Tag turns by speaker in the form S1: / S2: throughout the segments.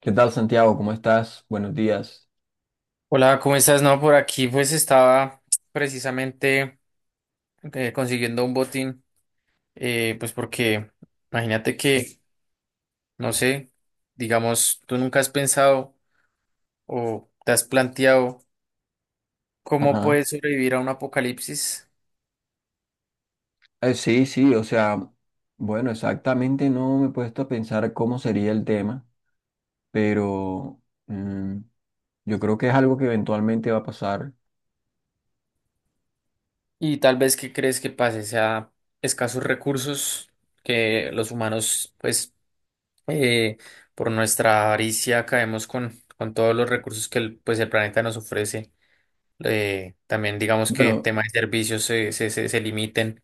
S1: ¿Qué tal, Santiago? ¿Cómo estás? Buenos días.
S2: Hola, ¿cómo estás? No, por aquí pues estaba precisamente consiguiendo un botín, pues porque imagínate que, no sé, digamos, tú nunca has pensado o te has planteado cómo
S1: Ajá.
S2: puedes sobrevivir a un apocalipsis.
S1: Sí, sí, o sea, bueno, exactamente no me he puesto a pensar cómo sería el tema, pero mm, yo creo que es algo que eventualmente va a pasar.
S2: Y tal vez qué crees que pase, o sea, escasos recursos que los humanos pues eh, por nuestra avaricia caemos con todos los recursos que pues el planeta nos ofrece. También digamos que
S1: Bueno,
S2: tema de servicios se limiten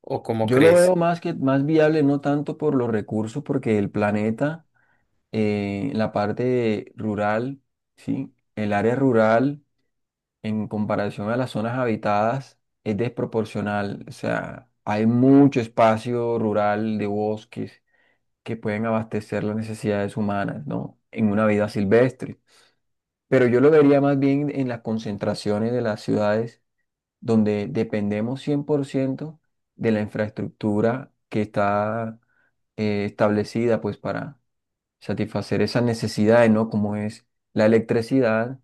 S2: o cómo
S1: yo lo veo
S2: crees.
S1: más viable, no tanto por los recursos, porque el planeta, la parte rural, sí, el área rural. En comparación a las zonas habitadas es desproporcional. O sea, hay mucho espacio rural de bosques que pueden abastecer las necesidades humanas, ¿no? En una vida silvestre. Pero yo lo vería más bien en las concentraciones de las ciudades donde dependemos 100% de la infraestructura que está establecida pues para satisfacer esas necesidades, ¿no? Como es la electricidad,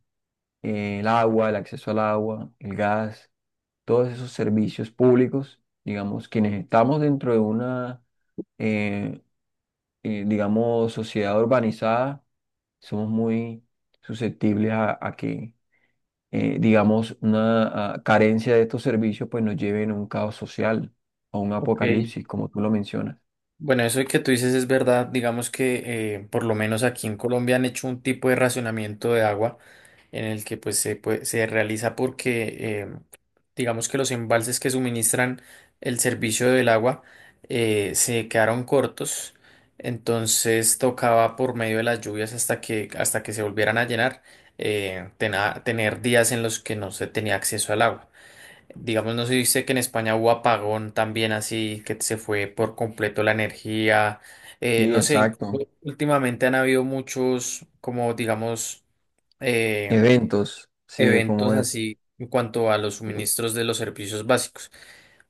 S1: el agua, el acceso al agua, el gas, todos esos servicios públicos, digamos, quienes estamos dentro de una, eh, digamos, sociedad urbanizada, somos muy susceptibles a que, digamos, una carencia de estos servicios pues nos lleven a un caos social, a un
S2: Ok.
S1: apocalipsis, como tú lo mencionas.
S2: Bueno, eso que tú dices es verdad, digamos que por lo menos aquí en Colombia han hecho un tipo de racionamiento de agua, en el que pues se realiza porque digamos que los embalses que suministran el servicio del agua se quedaron cortos. Entonces tocaba por medio de las lluvias hasta que se volvieran a llenar, tener días en los que no se tenía acceso al agua. Digamos, no se dice que en España hubo apagón también así, que se fue por completo la energía. eh,
S1: Sí,
S2: no sé,
S1: exacto.
S2: incluso últimamente han habido muchos, como digamos, eh,
S1: Eventos, sí, como
S2: eventos
S1: es.
S2: así en cuanto a los suministros de los servicios básicos.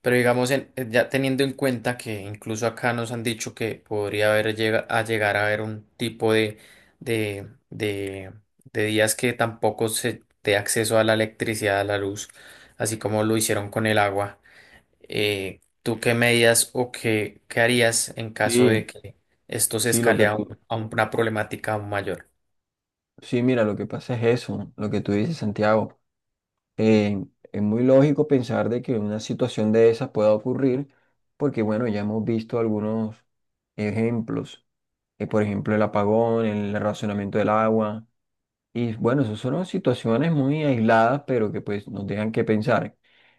S2: Pero digamos, ya teniendo en cuenta que incluso acá nos han dicho que podría haber a llegar a haber un tipo de, de, de días que tampoco se dé acceso a la electricidad, a la luz, así como lo hicieron con el agua. ¿Tú qué medidas o qué harías en caso de
S1: Sí,
S2: que esto se
S1: sí,
S2: escale a, un- a una problemática aún mayor?
S1: sí, mira, lo que pasa es eso, lo que tú dices, Santiago. Eh, es muy lógico pensar de que una situación de esas pueda ocurrir porque, bueno, ya hemos visto algunos ejemplos, por ejemplo, el apagón, el racionamiento del agua, y bueno, esas son situaciones muy aisladas, pero que pues nos dejan que pensar.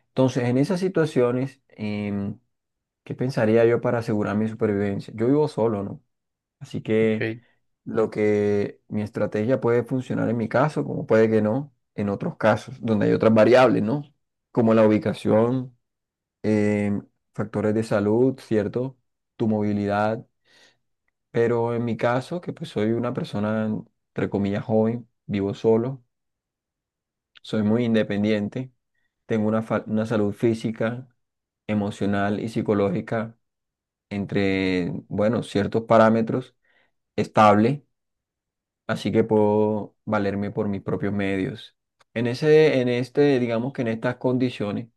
S1: Entonces, en esas situaciones, ¿qué pensaría yo para asegurar mi supervivencia? Yo vivo solo, ¿no? Así que
S2: Ok,
S1: lo que mi estrategia puede funcionar en mi caso, como puede que no, en otros casos, donde hay otras variables, ¿no? Como la ubicación, em, factores de salud, ¿cierto? Tu movilidad. Pero en mi caso, que pues soy una persona, entre comillas, joven, vivo solo, soy muy independiente, tengo una salud física, emocional y psicológica entre, bueno, ciertos parámetros estable, así que puedo valerme por mis propios medios. En ese, en este, digamos que en estas condiciones,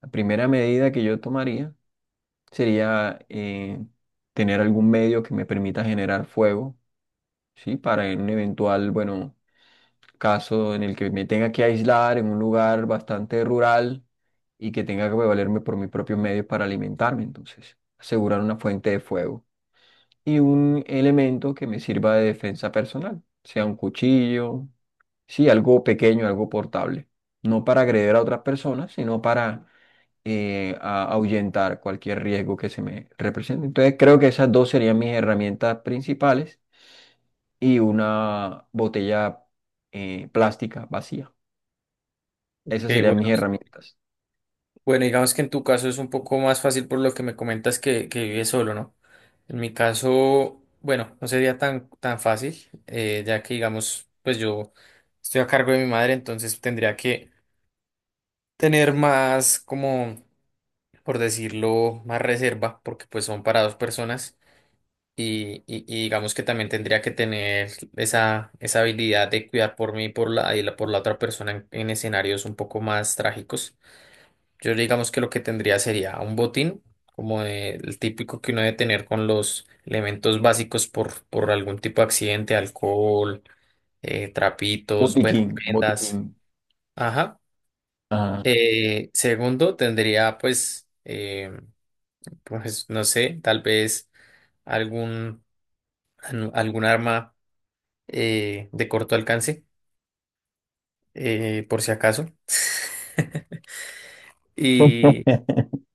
S1: la primera medida que yo tomaría sería tener algún medio que me permita generar fuego, ¿sí? Para en un eventual, bueno, caso en el que me tenga que aislar en un lugar bastante rural y que tenga que valerme por mis propios medios para alimentarme, entonces, asegurar una fuente de fuego y un elemento que me sirva de defensa personal, sea un cuchillo, sí, algo pequeño, algo portable, no para agreder a otras personas, sino para ahuyentar cualquier riesgo que se me represente. Entonces creo que esas dos serían mis herramientas principales y una botella plástica vacía. Esas
S2: ok,
S1: serían mis
S2: bueno.
S1: herramientas.
S2: Bueno, digamos que en tu caso es un poco más fácil por lo que me comentas que vives solo, ¿no? En mi caso, bueno, no sería tan fácil, ya que digamos, pues yo estoy a cargo de mi madre. Entonces tendría que tener más, como, por decirlo, más reserva, porque pues son para dos personas, y digamos que también tendría que tener esa habilidad de cuidar por mí y por la otra persona en escenarios un poco más trágicos. Yo digamos que lo que tendría sería un botín, como el típico que uno debe tener con los elementos básicos por algún tipo de accidente, alcohol, trapitos, bueno,
S1: Botiquín, botiquín.
S2: vendas. Ajá.
S1: Ajá.
S2: Segundo, tendría pues, pues, no sé, tal vez algún, algún arma de corto alcance, por si acaso. Y,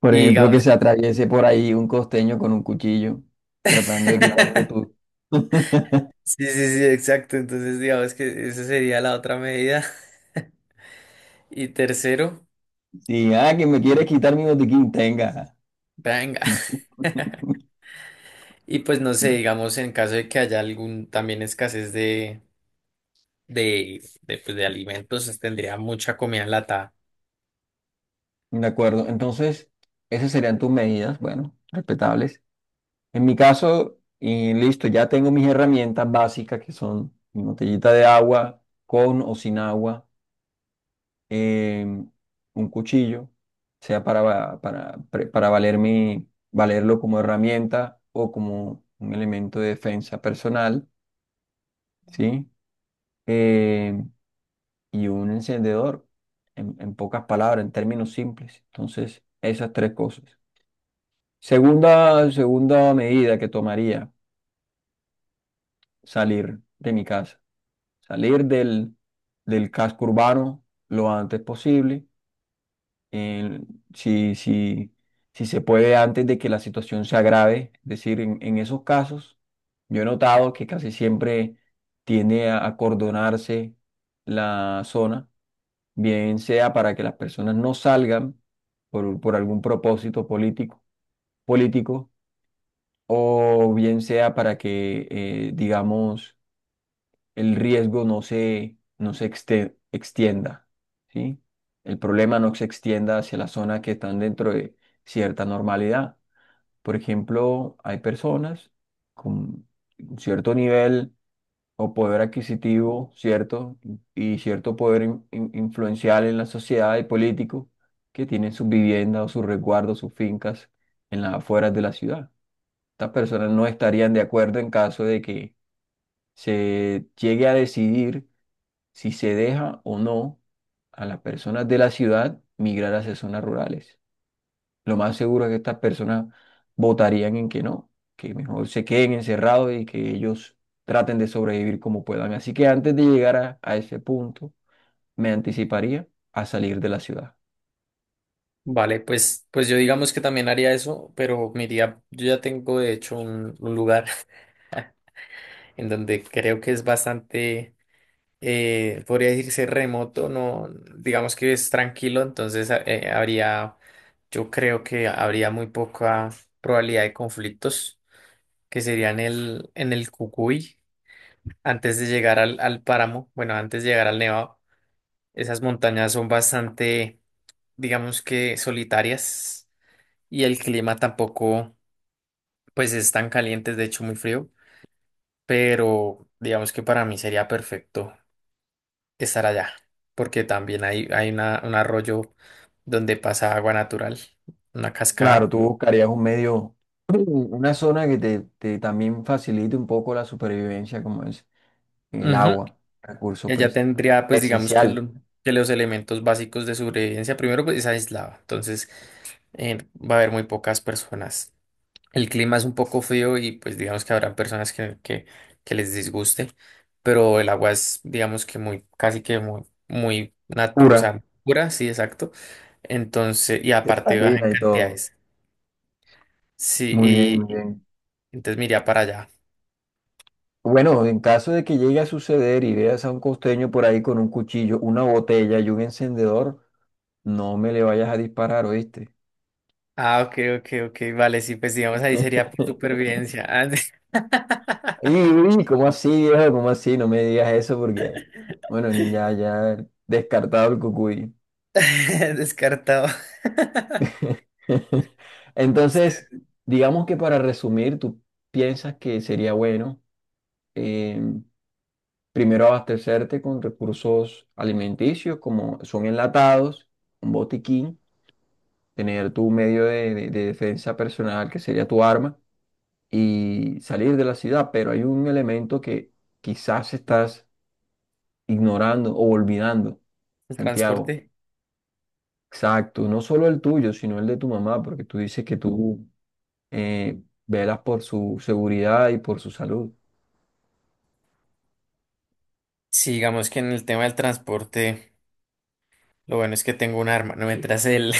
S1: Por
S2: y
S1: ejemplo, que
S2: digamos.
S1: se atraviese por ahí un costeño con un cuchillo, tratando de quitarte tú.
S2: Sí, sí, sí, exacto. Entonces, digamos que esa sería la otra medida. Y tercero.
S1: Sí, ah, que me quieres
S2: Sí.
S1: quitar mi botiquín, tenga.
S2: Venga. Y pues no sé, digamos, en caso de que haya algún también escasez pues, de alimentos, tendría mucha comida enlatada.
S1: De acuerdo, entonces esas serían tus medidas, bueno, respetables. En mi caso, y listo, ya tengo mis herramientas básicas que son mi botellita de agua, con o sin agua, em, un cuchillo, sea para, va- para, pre- para valer mi- valerlo como herramienta o como un elemento de defensa personal, ¿sí? Em, y un encendedor, en pocas palabras, en términos simples. Entonces, esas tres cosas. Segunda medida que tomaría, salir de mi casa, salir del casco urbano lo antes posible, el- si, si, si se puede antes de que la situación se agrave. Es decir, en esos casos, yo he notado que casi siempre tiende a acordonarse la zona, bien sea para que las personas no salgan por algún propósito político, o bien sea para que, digamos, el riesgo no se extienda, ¿sí? El problema no se extienda hacia la zona que están dentro de cierta normalidad. Por ejemplo, hay personas con un cierto nivel o poder adquisitivo, ¿cierto? Y cierto poder influencial en la sociedad y político, que tienen sus viviendas o sus resguardos, sus fincas en las afueras de la ciudad. Estas personas no estarían de acuerdo en caso de que se llegue a decidir si se deja o no a las personas de la ciudad migrar hacia zonas rurales. Lo más seguro es que estas personas votarían en que no, que mejor se queden encerrados y que ellos traten de sobrevivir como puedan. Así que antes de llegar a ese punto, me anticiparía a salir de la ciudad.
S2: Vale, pues yo digamos que también haría eso, pero me iría. Yo ya tengo de hecho un lugar en donde creo que es bastante. Podría decirse remoto, no, digamos que es tranquilo. Entonces yo creo que habría muy poca probabilidad de conflictos, que serían en el Cucuy, antes de llegar al páramo, bueno, antes de llegar al Nevado. Esas montañas son bastante, digamos que solitarias, y el clima tampoco, pues es tan caliente, es de hecho muy frío, pero digamos que para mí sería perfecto estar allá, porque también un arroyo donde pasa agua natural, una
S1: Claro,
S2: cascada.
S1: tú buscarías un medio, una zona que te también facilite un poco la supervivencia, como es el
S2: Ujú.
S1: agua, recurso
S2: Y allá
S1: pues
S2: tendría, pues digamos que,
S1: esencial,
S2: lo- que los elementos básicos de sobrevivencia. Primero, pues es aislado, entonces va a haber muy pocas personas. El clima es un poco frío y pues digamos que habrá personas que les disguste, pero el agua es, digamos que casi que muy, o
S1: pura,
S2: sea, pura, sí, exacto. Entonces, y aparte baja en
S1: cristalina y todo.
S2: cantidades. Sí,
S1: Muy bien,
S2: y
S1: muy
S2: y
S1: bien.
S2: entonces me iría para allá.
S1: Bueno, en caso de que llegue a suceder y veas a un costeño por ahí con un cuchillo, una botella y un encendedor, no me le vayas a disparar, ¿oíste?
S2: Ah, ok, ok, ok, vale, sí, pues digamos ahí sería por supervivencia. Ah,
S1: Y, uy, ¿cómo así, viejo? ¿Cómo así? No me digas eso porque, bueno, ya, ya descartado el cucuy.
S2: Descartado.
S1: Entonces, digamos que para resumir, tú piensas que sería bueno, eh, primero abastecerte con recursos alimenticios como son enlatados, un botiquín, tener tu medio de defensa personal, que sería tu arma, y salir de la ciudad. Pero hay un elemento que quizás estás ignorando o olvidando,
S2: El
S1: Santiago.
S2: transporte.
S1: Exacto, no solo el tuyo, sino el de tu mamá, porque tú dices que tú, velas por su seguridad y por su salud.
S2: Sí, digamos que en el tema del transporte, lo bueno es que tengo un arma, no mientras el,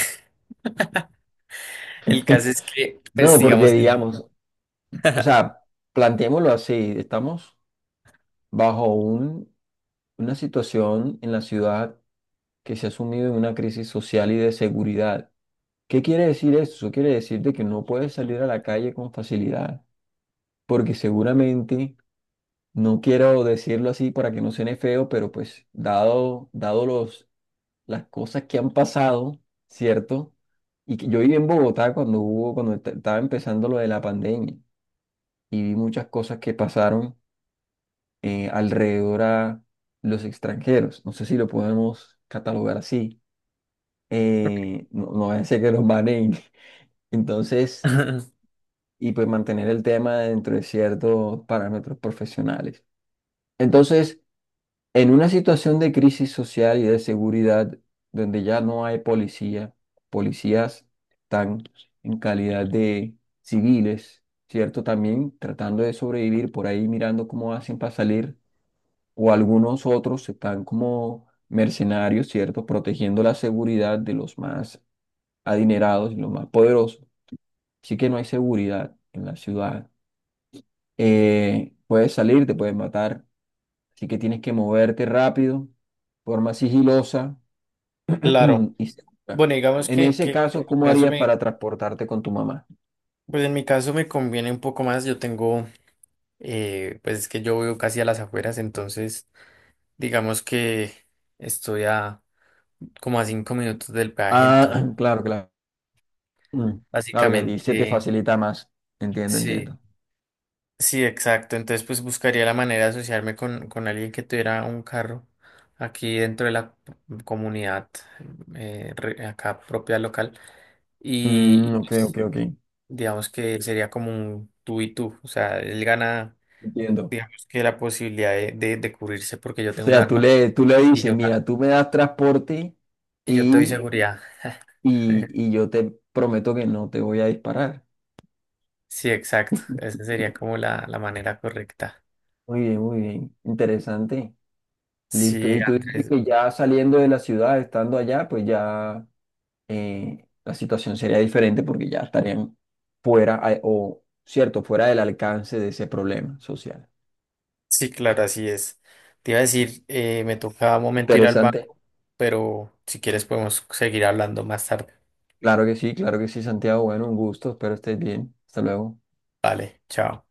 S2: el caso es que, pues
S1: No, porque
S2: digamos.
S1: digamos, o sea, planteémoslo así, estamos bajo un, una situación en la ciudad que se ha sumido en una crisis social y de seguridad. ¿Qué quiere decir eso? Eso quiere decir de que no puedes salir a la calle con facilidad, porque seguramente, no quiero decirlo así para que no suene feo, pero pues dado, dado los, las cosas que han pasado, ¿cierto? Y que yo viví en Bogotá cuando estaba empezando lo de la pandemia y vi muchas cosas que pasaron alrededor a los extranjeros. No sé si lo podemos catalogar así. No, no vaya a ser que los banen. Entonces... y pues mantener el tema dentro de ciertos parámetros profesionales. Entonces, en una situación de crisis social y de seguridad donde ya no hay policía, policías están en calidad de civiles, ¿cierto? También tratando de sobrevivir por ahí mirando cómo hacen para salir, o algunos otros están como mercenarios, ¿cierto? Protegiendo la seguridad de los más adinerados y los más poderosos. Así que no hay seguridad en la ciudad, puedes salir, te puedes matar. Así que tienes que moverte rápido, forma sigilosa
S2: Claro.
S1: y segura.
S2: Bueno, digamos
S1: En
S2: que,
S1: ese
S2: que en
S1: caso,
S2: mi
S1: ¿cómo
S2: caso
S1: harías para transportarte con tu mamá?
S2: pues en mi caso me conviene un poco más. Yo tengo, pues es que yo vivo casi a las afueras. Entonces digamos que estoy a como a 5 minutos del peaje.
S1: Ah, claro, claro. Mm, claro que a ti se te
S2: Básicamente,
S1: facilita más. Entiendo, entiendo.
S2: sí, sí, exacto. Entonces, pues buscaría la manera de asociarme con alguien que tuviera un carro aquí dentro de la comunidad, acá propia local. Y,
S1: Mm, ok, ok,
S2: pues,
S1: ok.
S2: digamos que sería como un tú y tú. O sea, él gana,
S1: Entiendo.
S2: digamos que la posibilidad de cubrirse porque yo
S1: O
S2: tengo un
S1: sea,
S2: arma,
S1: tú le
S2: y
S1: dices,
S2: yo, ga-
S1: mira, tú me das transporte
S2: y yo te doy
S1: y,
S2: seguridad.
S1: y, y yo te prometo que no te voy a disparar.
S2: Sí, exacto. Esa sería como la manera correcta.
S1: Muy bien, muy bien. Interesante. Listo,
S2: Sí,
S1: y tú dices
S2: Andrés.
S1: que ya saliendo de la ciudad, estando allá, pues ya, la situación sería diferente porque ya estarían fuera, o cierto, fuera del alcance de ese problema social.
S2: Sí, claro, así es. Te iba a decir, me toca un momento ir al
S1: Interesante.
S2: banco, pero si quieres podemos seguir hablando más tarde.
S1: Claro que sí, Santiago. Bueno, un gusto, espero estés bien. Hasta luego.
S2: Vale, chao.